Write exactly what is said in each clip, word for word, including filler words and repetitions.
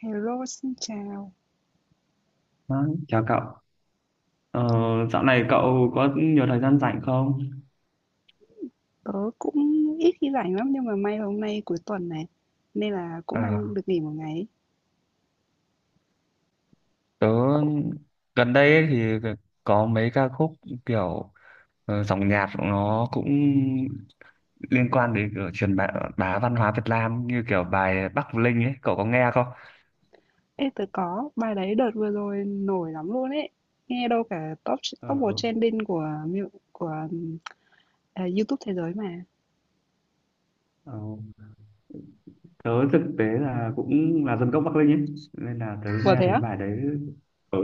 Hello, xin chào. Đó, chào cậu. Ờ, dạo này cậu có nhiều thời gian rảnh không? Tớ cũng ít khi rảnh lắm nhưng mà may là hôm nay cuối tuần này nên là cũng đang À, được nghỉ một ngày. tớ gần đây ấy thì có mấy ca khúc kiểu ờ, dòng nhạc nó cũng liên quan đến kiểu truyền bá, bá văn hóa Việt Nam như kiểu bài Bắc Linh ấy, cậu có nghe không? Ê, tớ có bài đấy đợt vừa rồi nổi lắm luôn ấy. Nghe đâu cả top Ờ, top một trending của mu- của à, YouTube thế giới mà. ờ, tớ thực tế là cũng là dân gốc Bắc Linh ấy, nên là tớ Ủa nghe thế thấy á? bài đấy ừ,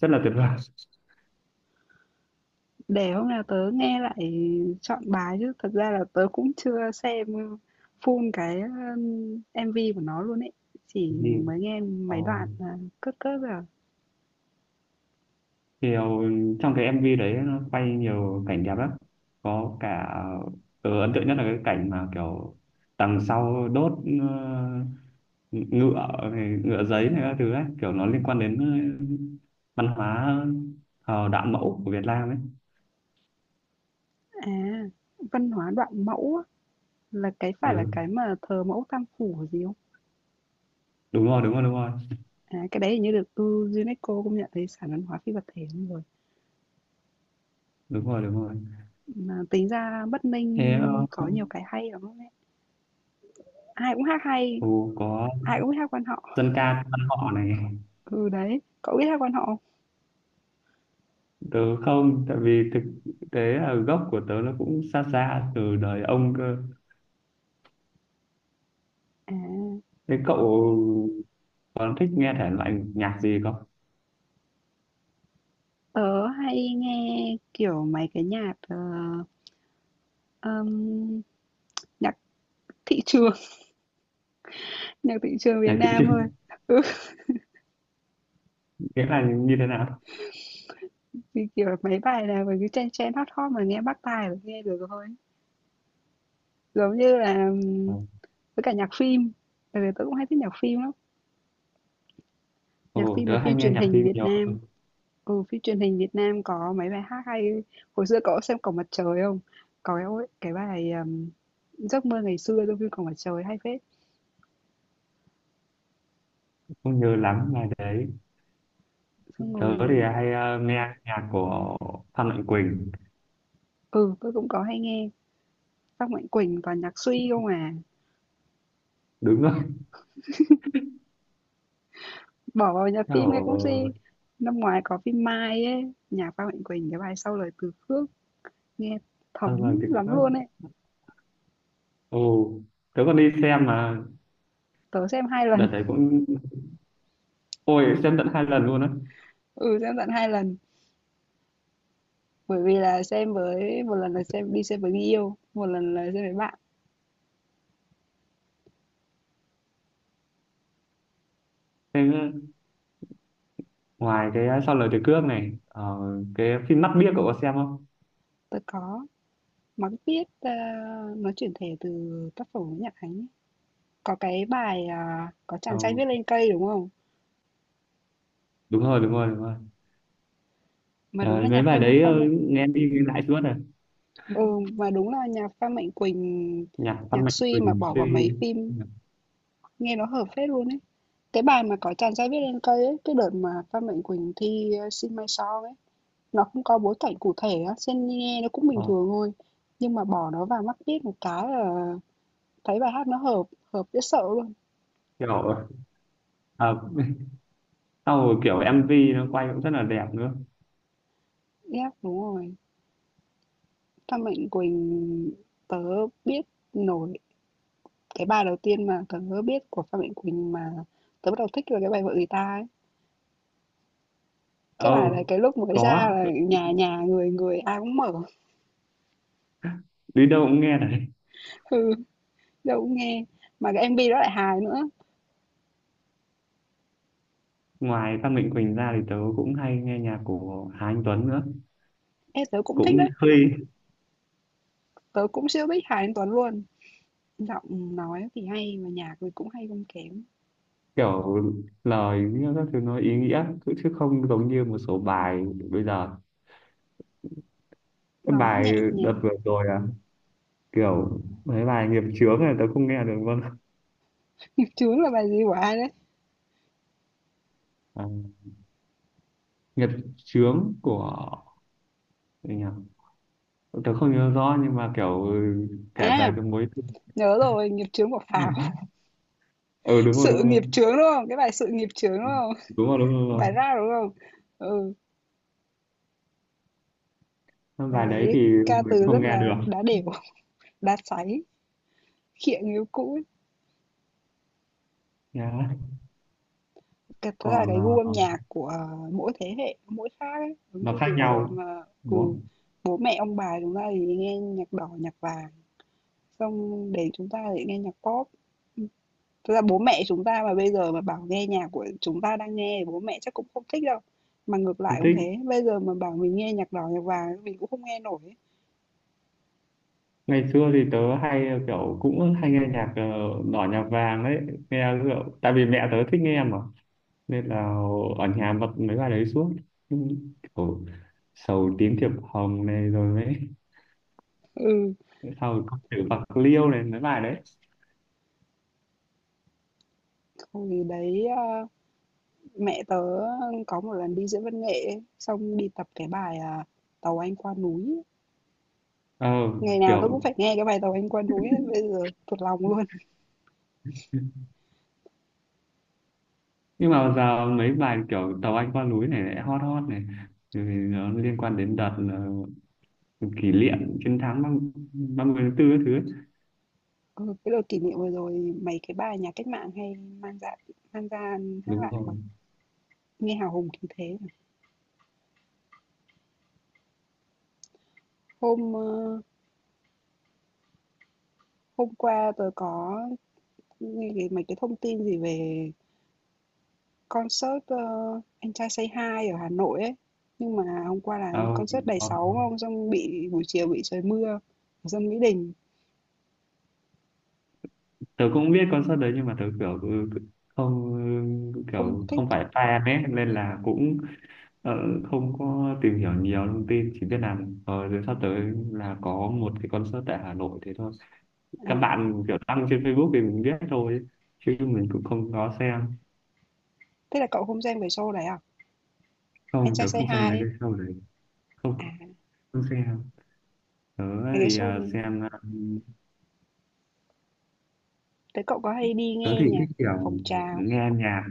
Rất là tuyệt vời. Để hôm nào tớ nghe lại chọn bài chứ thật ra là tớ cũng chưa xem full cái um, em vê của nó luôn ấy. Chỉ mới nghe Ừ. mấy đoạn à, cất cất rồi. À, Kiểu trong cái em vê đấy nó quay nhiều cảnh đẹp lắm, có cả ừ, Ấn tượng nhất là cái cảnh mà kiểu đằng sau đốt ờ, ngựa này, ngựa giấy này các thứ ấy, kiểu nó liên quan đến ờ, văn hóa ờ, đạo mẫu của Việt Nam ấy À, văn hóa đoạn mẫu á. Là cái phải là ừ, cái mà thờ mẫu Tam Phủ hay gì không? Đúng rồi, đúng rồi, đúng rồi, À, cái đấy hình như được ừ, UNESCO công nhận thấy sản văn hóa phi vật thể luôn rồi. đúng rồi, đúng rồi. Mà tính ra Bắc Thế Ninh ờ, có nhiều cái hay lắm đấy. Ai cũng hát hay, ừ, có ai cũng biết hát quan họ. dân ca quan họ này. Ừ đấy, cậu biết hát quan họ không? Tớ không, tại vì thực tế là gốc của tớ nó cũng xa xa từ đời ông cơ. À, Thế cậu còn thích nghe thể loại nhạc gì không? tớ hay nghe kiểu mấy cái nhạc ờ, ừm, nhạc thị trường, nhạc thị trường Việt Nhạc thị Nam thôi. trường Ừ, nghĩa là như thế nào? thì kiểu mấy bài nào mà cứ chen chen hot hot mà nghe bắt tai là nghe được thôi. Giống như là Ờ, ừm, với cả nhạc phim, bởi vì tớ cũng hay thích nhạc phim lắm, nhạc Ồ, phim mà tớ hay phim nghe truyền nhạc hình phim Việt nhiều, Nam. Ừ, phim truyền hình Việt Nam có mấy bài hát hay. Hồi xưa cậu có xem Cổng Mặt Trời không? Có cái cái bài ừm, Giấc mơ ngày xưa trong phim Cổng Mặt Trời hay phết. không nhớ lắm là đấy. Xong Tớ rồi, thì hay ờ, nghe nhạc của Phan Mạnh Quỳnh, ừ, tôi cũng có hay nghe. Các Mạnh Quỳnh toàn nhạc suy không à. đúng rồi, Bỏ vào nhạc phim nghe kiểu cũng ờ, suy. Năm ngoái có phim Mai ấy, nhạc Phan Mạnh Quỳnh cái bài sau lời từ khước nghe Phan Mạnh thấm Quỳnh lắm khớp. luôn ấy. Ồ, tớ còn đi xem mà, Tớ xem hai lần. đợt đấy cũng, ôi xem tận hai lần luôn á. Ừ, xem tận hai lần. Bởi vì là xem với một lần là xem đi xem với người yêu, một lần là xem với bạn. Thế ngoài cái Sau lời từ cướp này, ờ, cái phim Mắt biếc cậu có xem không? Tôi có mà biết, a, nó chuyển thể từ tác phẩm của Nhật Ánh ấy. Có cái bài, à, có Ờ, chàng trai viết lên cây, đúng không? đúng rồi, đúng rồi, đúng rồi. Mà đúng Ờ, là mấy nhạc bài Phan đấy ờ, Phan Mạnh nghe đi nghe lại suốt rồi. ừ, mà đúng là nhạc Phan Mạnh Quỳnh, Nhạc Phan nhạc Mạnh Suy mà Quỳnh bỏ vào Suy mấy phim nhạc, nghe nó hợp phết luôn ấy. Cái bài mà có chàng trai viết lên cây ấy, cái đợt mà Phan Mạnh Quỳnh thi, ơ, Xin Mai Sau ấy, nó không có bối cảnh cụ thể á, sen nghe nó cũng bình ờ, thường thôi, nhưng mà bỏ nó vào mắt biết một cái là thấy bài hát nó hợp, hợp dễ sợ luôn. kiểu à, sau rồi kiểu em vê nó quay cũng rất là đẹp nữa. Yep, đúng rồi. Phan Mạnh Quỳnh tớ biết nổi cái bài đầu tiên mà tớ biết của Phan Mạnh Quỳnh mà tớ bắt đầu thích là cái bài Vợ người ta ấy. Cái bài này Oh, cái lúc mới ra có là nhà nhà người người ai cũng mở, đi đâu cũng nghe đấy. ừ, đâu cũng nghe. Mà cái em MV đó lại hài nữa. Ngoài Phan Mạnh Quỳnh ra thì tớ cũng hay nghe nhạc của Hà Anh Tuấn nữa, Ê, tớ cũng thích cũng đấy. hơi Tớ cũng siêu thích Hà Anh Tuấn luôn. Giọng nói thì hay mà nhạc thì cũng hay không kém. kiểu lời nghĩa các thứ nó ý nghĩa chứ chứ không giống như một số bài bây giờ. Cái Nó bài nhẹ đợt nhàng. vừa rồi à, kiểu mấy bài nghiệp chướng này tớ không nghe được luôn. Nghiệp chướng là bài gì của ai đấy? À, nghiệp chướng của gì nhỉ? Tớ không nhớ rõ nhưng mà kiểu ừ, kể À, về cái mối tình. nhớ rồi, nghiệp chướng của Pháo. Ừ, đúng rồi, đúng Sự rồi, nghiệp chướng, đúng không? Cái bài "Sự nghiệp chướng" đúng không? đúng rồi, đúng rồi. Bài ra đúng không? Ừ, Cái bài bài đấy đấy thì ca mình từ không rất nghe là được. đá đều đá sáy, khịa người cũ ấy. Nhá. Thật ra là Còn cái gu âm ờ, nhạc của mỗi thế hệ, mỗi khác ấy, giống nó như khác từ hồi nhau mà đúng ừ, không? bố mẹ ông bà chúng ta thì nghe nhạc đỏ, nhạc vàng, xong đến chúng ta thì nghe nhạc pop. Thật ra bố mẹ chúng ta mà bây giờ mà bảo nghe nhạc của chúng ta đang nghe bố mẹ chắc cũng không thích đâu. Mà ngược lại Không cũng thích. thế, bây giờ mà bảo mình nghe nhạc đỏ, nhạc vàng mình cũng không nghe nổi ấy. Ngày xưa thì tớ hay ờ, kiểu cũng hay nghe nhạc ờ, đỏ nhạc vàng đấy, nghe kiểu, tại vì mẹ tớ thích nghe mà nên là ở nhà bật mấy bài đấy suốt. Ừ, kiểu sầu tím thiệp hồng này rồi mấy Ừ, sau có chữ bạc liêu này mấy bài đấy. hồi đấy, a, mẹ tớ ờ, có một lần đi diễn văn nghệ ấy, xong đi tập cái bài, à, "Tàu Anh Qua Núi", ấy. ờ Ngày nào tôi cũng kiểu phải nghe cái bài "Tàu Anh Qua Núi" ấy, bây giờ thuộc lòng luôn. nhưng mà giờ mấy bài kiểu tàu Anh qua núi này lại hot hot này. Thì nó liên quan đến đợt là kỷ niệm chiến thắng ba ba mươi tháng tư các thứ ấy. Ừ, cái đợt kỷ niệm vừa rồi mấy cái bài nhà cách mạng hay mang ra mang ra hát Đúng lại mà, rồi. nghe hào hùng khí thế mà. Hôm, ơ, hôm qua tớ có nghe cái mấy cái thông tin gì về Concert, ơ, Anh Trai Say Hi ở Hà Nội ấy, nhưng mà hôm qua là À, concert Đầy có, Sóng có. không? Xong bị buổi chiều bị trời mưa, xong Mỹ Đình Tớ cũng biết concert đấy nhưng mà tớ kiểu ừ, không ừ, không kiểu thích không à? phải fan ấy, nên là cũng ờ, không có tìm hiểu nhiều thông tin, chỉ biết là ờ, rồi sắp tới là có một cái concert tại Hà Nội thế thôi. À, Các bạn kiểu đăng trên Facebook thì mình biết thôi, chứ mình cũng không có xem. thế là cậu không xem cái show đấy à? Anh Không, Trai tớ Say không xem Hi mấy ấy. cái show. Không, À, không xem. Tớ cái thì show ờ, đấy xem ờ, thế cậu có hay đi tớ thì nghe nhạc thích ở kiểu phòng trà? nghe nhạc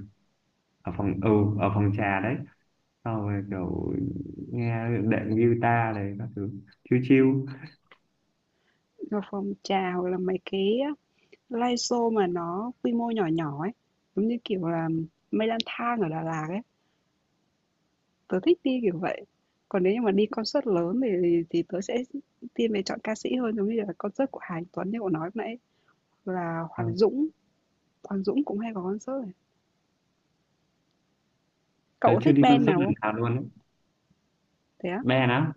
ở phòng ừ ở phòng trà đấy, sau rồi kiểu nghe đệm guitar này các thứ chill chill. Ở phòng trà hoặc là mấy cái live show mà nó quy mô nhỏ nhỏ ấy, giống như kiểu là mây lang thang ở Đà Lạt ấy. Tớ thích đi kiểu vậy. Còn nếu như mà đi concert lớn thì thì tớ sẽ thiên về chọn ca sĩ hơn, giống như là concert của Hà Anh Tuấn như cậu nói lúc nãy, là Ờ, Hoàng Dũng, Hoàng Dũng cũng hay có concert này. tớ Cậu có chưa thích đi band concert nào không? lần nào luôn đấy. Thế á? Band á,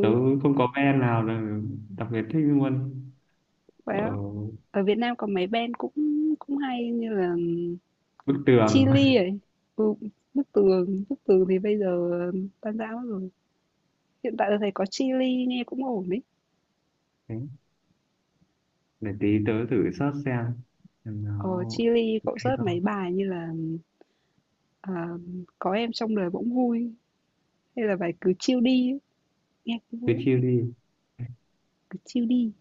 tớ không có band nào là đặc biệt thích luôn. Ở vậy á. Ở Việt Nam có mấy band cũng cũng hay như là bức tường. Chillies ấy. Ừ, Bức Tường, Bức Tường thì bây giờ tan rã mất rồi. Hiện tại tôi thấy có Chillies nghe cũng ổn ấy. Thế, để tí tớ thử search xem xem nó Ờ, Chillies ok cậu search mấy không. bài như là à, có em trong đời bỗng vui hay là bài cứ chill đi ấy. Nghe cũng Cứ vui lắm, chill đi. cứ chill đi.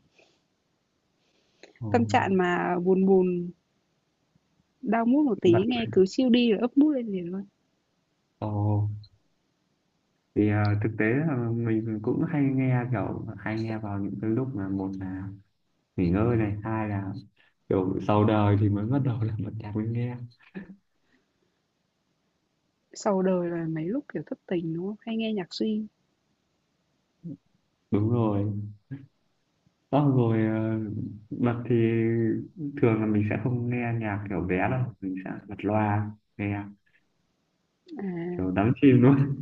Ồ, Tâm trạng mà buồn buồn, đau mood một bật. tí nghe cứ chill đi là ấp mood lên liền luôn. Ồ, thì à, thực tế là mình cũng hay nghe kiểu hay nghe vào những cái lúc mà một là nghỉ ngơi này, hai là kiểu sau đời thì mới bắt đầu là bật nhạc mới nghe. Sau đời là mấy lúc kiểu thất tình đúng không? Hay nghe nhạc suy. Đúng rồi. Xong rồi à, bật thì thường là mình sẽ không nghe nhạc kiểu vé đâu, mình sẽ bật loa nghe À, kiểu đắm chìm luôn.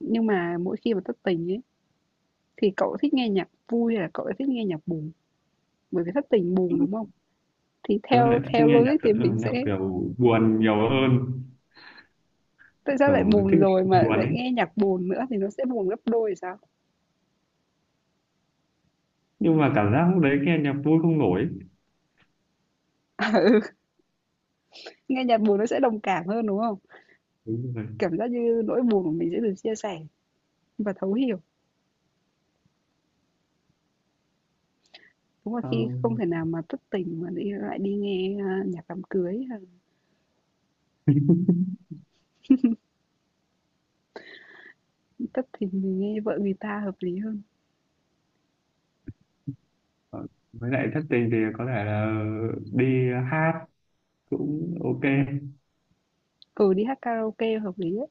nhưng mà mỗi khi mà thất tình ấy thì cậu thích nghe nhạc vui hay là cậu thích nghe nhạc buồn? Bởi vì thất tình buồn đúng không? Thì Tớ lại theo thích theo nghe nhạc, logic thật- thì ừ, mình nhạc sẽ kiểu buồn nhiều hơn. tại sao lại Kiểu thích buồn rồi mà buồn lại ấy, nghe nhạc buồn nữa thì nó sẽ buồn gấp đôi thì sao? nhưng mà cảm giác lúc đấy nghe nhạc vui không nổi. Ừ, nghe nhạc buồn nó sẽ đồng cảm hơn đúng không? Đúng rồi. Cảm giác như nỗi buồn của mình sẽ được chia sẻ và thấu hiểu. Đúng là Ờ, khi không thể nào mà thất tình mà đi lại đi nghe, a, nhạc đám cưới hay thất tình mình nghe vợ người ta hợp lý hơn. Ờ, với lại thất tình thì có thể là đi hát cũng ok. Ừ, đi hát karaoke hợp lý ấy.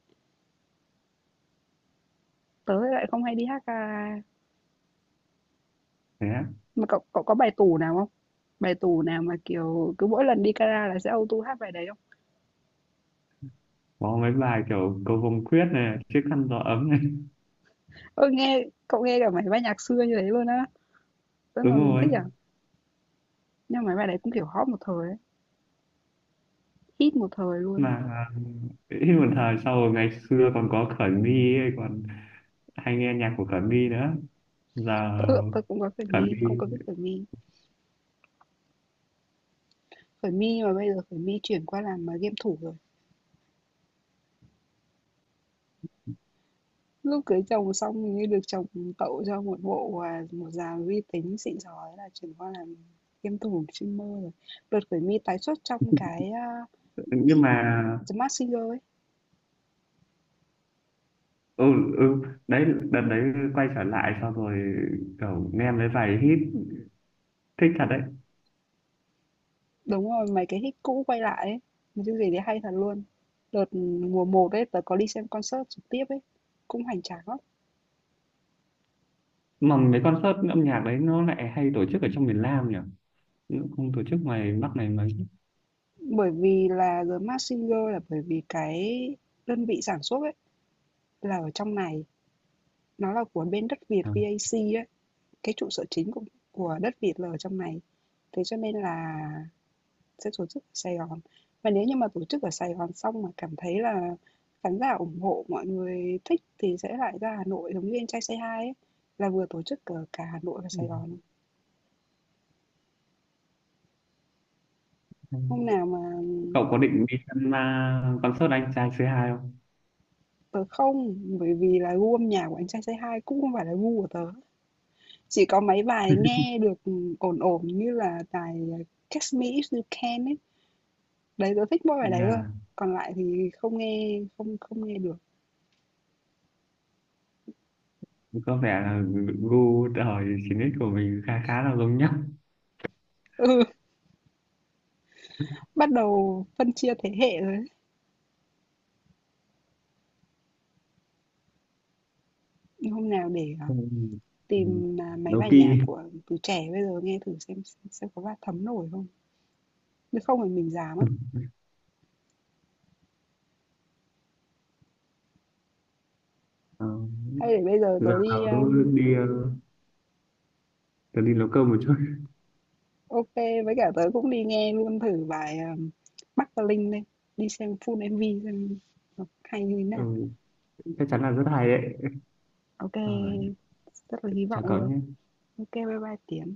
Tớ lại không hay đi hát karaoke. Thế á. Mà cậu cậu có bài tủ nào không? Bài tủ nào mà, kiểu, cứ mỗi lần đi kara là sẽ auto hát bài đấy không? Có mấy bài kiểu cầu vồng quyết này, chiếc khăn gió ấm này. Ơ, nghe cậu nghe cả mấy bài nhạc xưa như thế luôn á. Tớ Đúng còn rồi. thích à. Nhưng mà mấy bài đấy cũng, kiểu, hot một thời ấy, hit một thời Mà luôn. à, ít một thời, sau rồi ngày xưa còn có Khởi My ấy, còn hay nghe nhạc của Khởi My nữa, giờ Tớ tớ cũng có Khởi Khởi mi, cũng có biết My. Khởi My. Khởi My mà bây giờ Khởi mi chuyển qua làm, mà game thủ rồi. Lúc cưới chồng xong hình như được chồng tậu cho một bộ, và một dàn vi tính xịn sò thế là chuyển qua làm game thủ streamer rồi. Đợt khởi mi tái xuất trong cái, a, Nhưng mà The Mask Singer ấy. ừ, ừ đấy, đợt đấy quay trở lại, sau rồi kiểu nghe mấy bài hit thích thật đấy. Đúng rồi, mấy cái hit cũ quay lại ấy, một chương trình đấy hay thật luôn. Đợt mùa một ấy, tớ có đi xem concert trực tiếp ấy, cũng hoành tráng lắm. Mà mấy concert âm nhạc đấy nó lại hay tổ chức ở trong miền Nam nhỉ. Chứ không tổ chức ngoài Bắc này mà Bởi vì là The Mask Singer là bởi vì cái đơn vị sản xuất ấy là ở trong này, nó là của bên đất Việt à. vắc ấy. Cái trụ sở chính của của đất Việt là ở trong này, thế cho nên là sẽ tổ chức ở Sài Gòn. Và nếu như mà tổ chức ở Sài Gòn xong mà cảm thấy là khán giả ủng hộ, mọi người thích thì sẽ lại ra Hà Nội giống như Anh Trai Say Hi ấy, là vừa tổ chức ở cả Hà Nội và Sài Gòn. Hôm nào mà Cậu có định đi xem uh, concert anh trai xê hai không? tớ không, bởi vì là gu âm nhạc của Anh Trai Say Hi cũng không phải là gu của tớ. Chỉ có mấy bài nghe được ổn ổn như là bài Catch Me If You Can ấy. Đấy, tớ thích mỗi bài đấy thôi, Yeah. còn lại thì không nghe không không nghe được. Có vẻ là gu thời chín ích của mình khá khá là giống nhau. Ừ, bắt đầu phân chia thế hệ rồi đấy. Hôm nào để à, Ừ. tìm à, mấy Nấu bài kỳ. nhạc của từ trẻ bây giờ nghe thử xem xem xem có bắt thấm nổi không. Nếu không thì mình già mất. Ờ, Hay để bây giờ giờ tớ đi tớ à, đi ờ, tớ đi nấu cơm một chút. ok với cả tớ cũng đi nghe luôn thử bài à, Bắc và Linh đây, đi xem full em vê xem nó hay như thế nào. Ừ, chắc chắn là rất hay đấy. Ok, Rồi, rất là hy vọng chào cậu luôn. nhé. Ok, bye bye Tiến.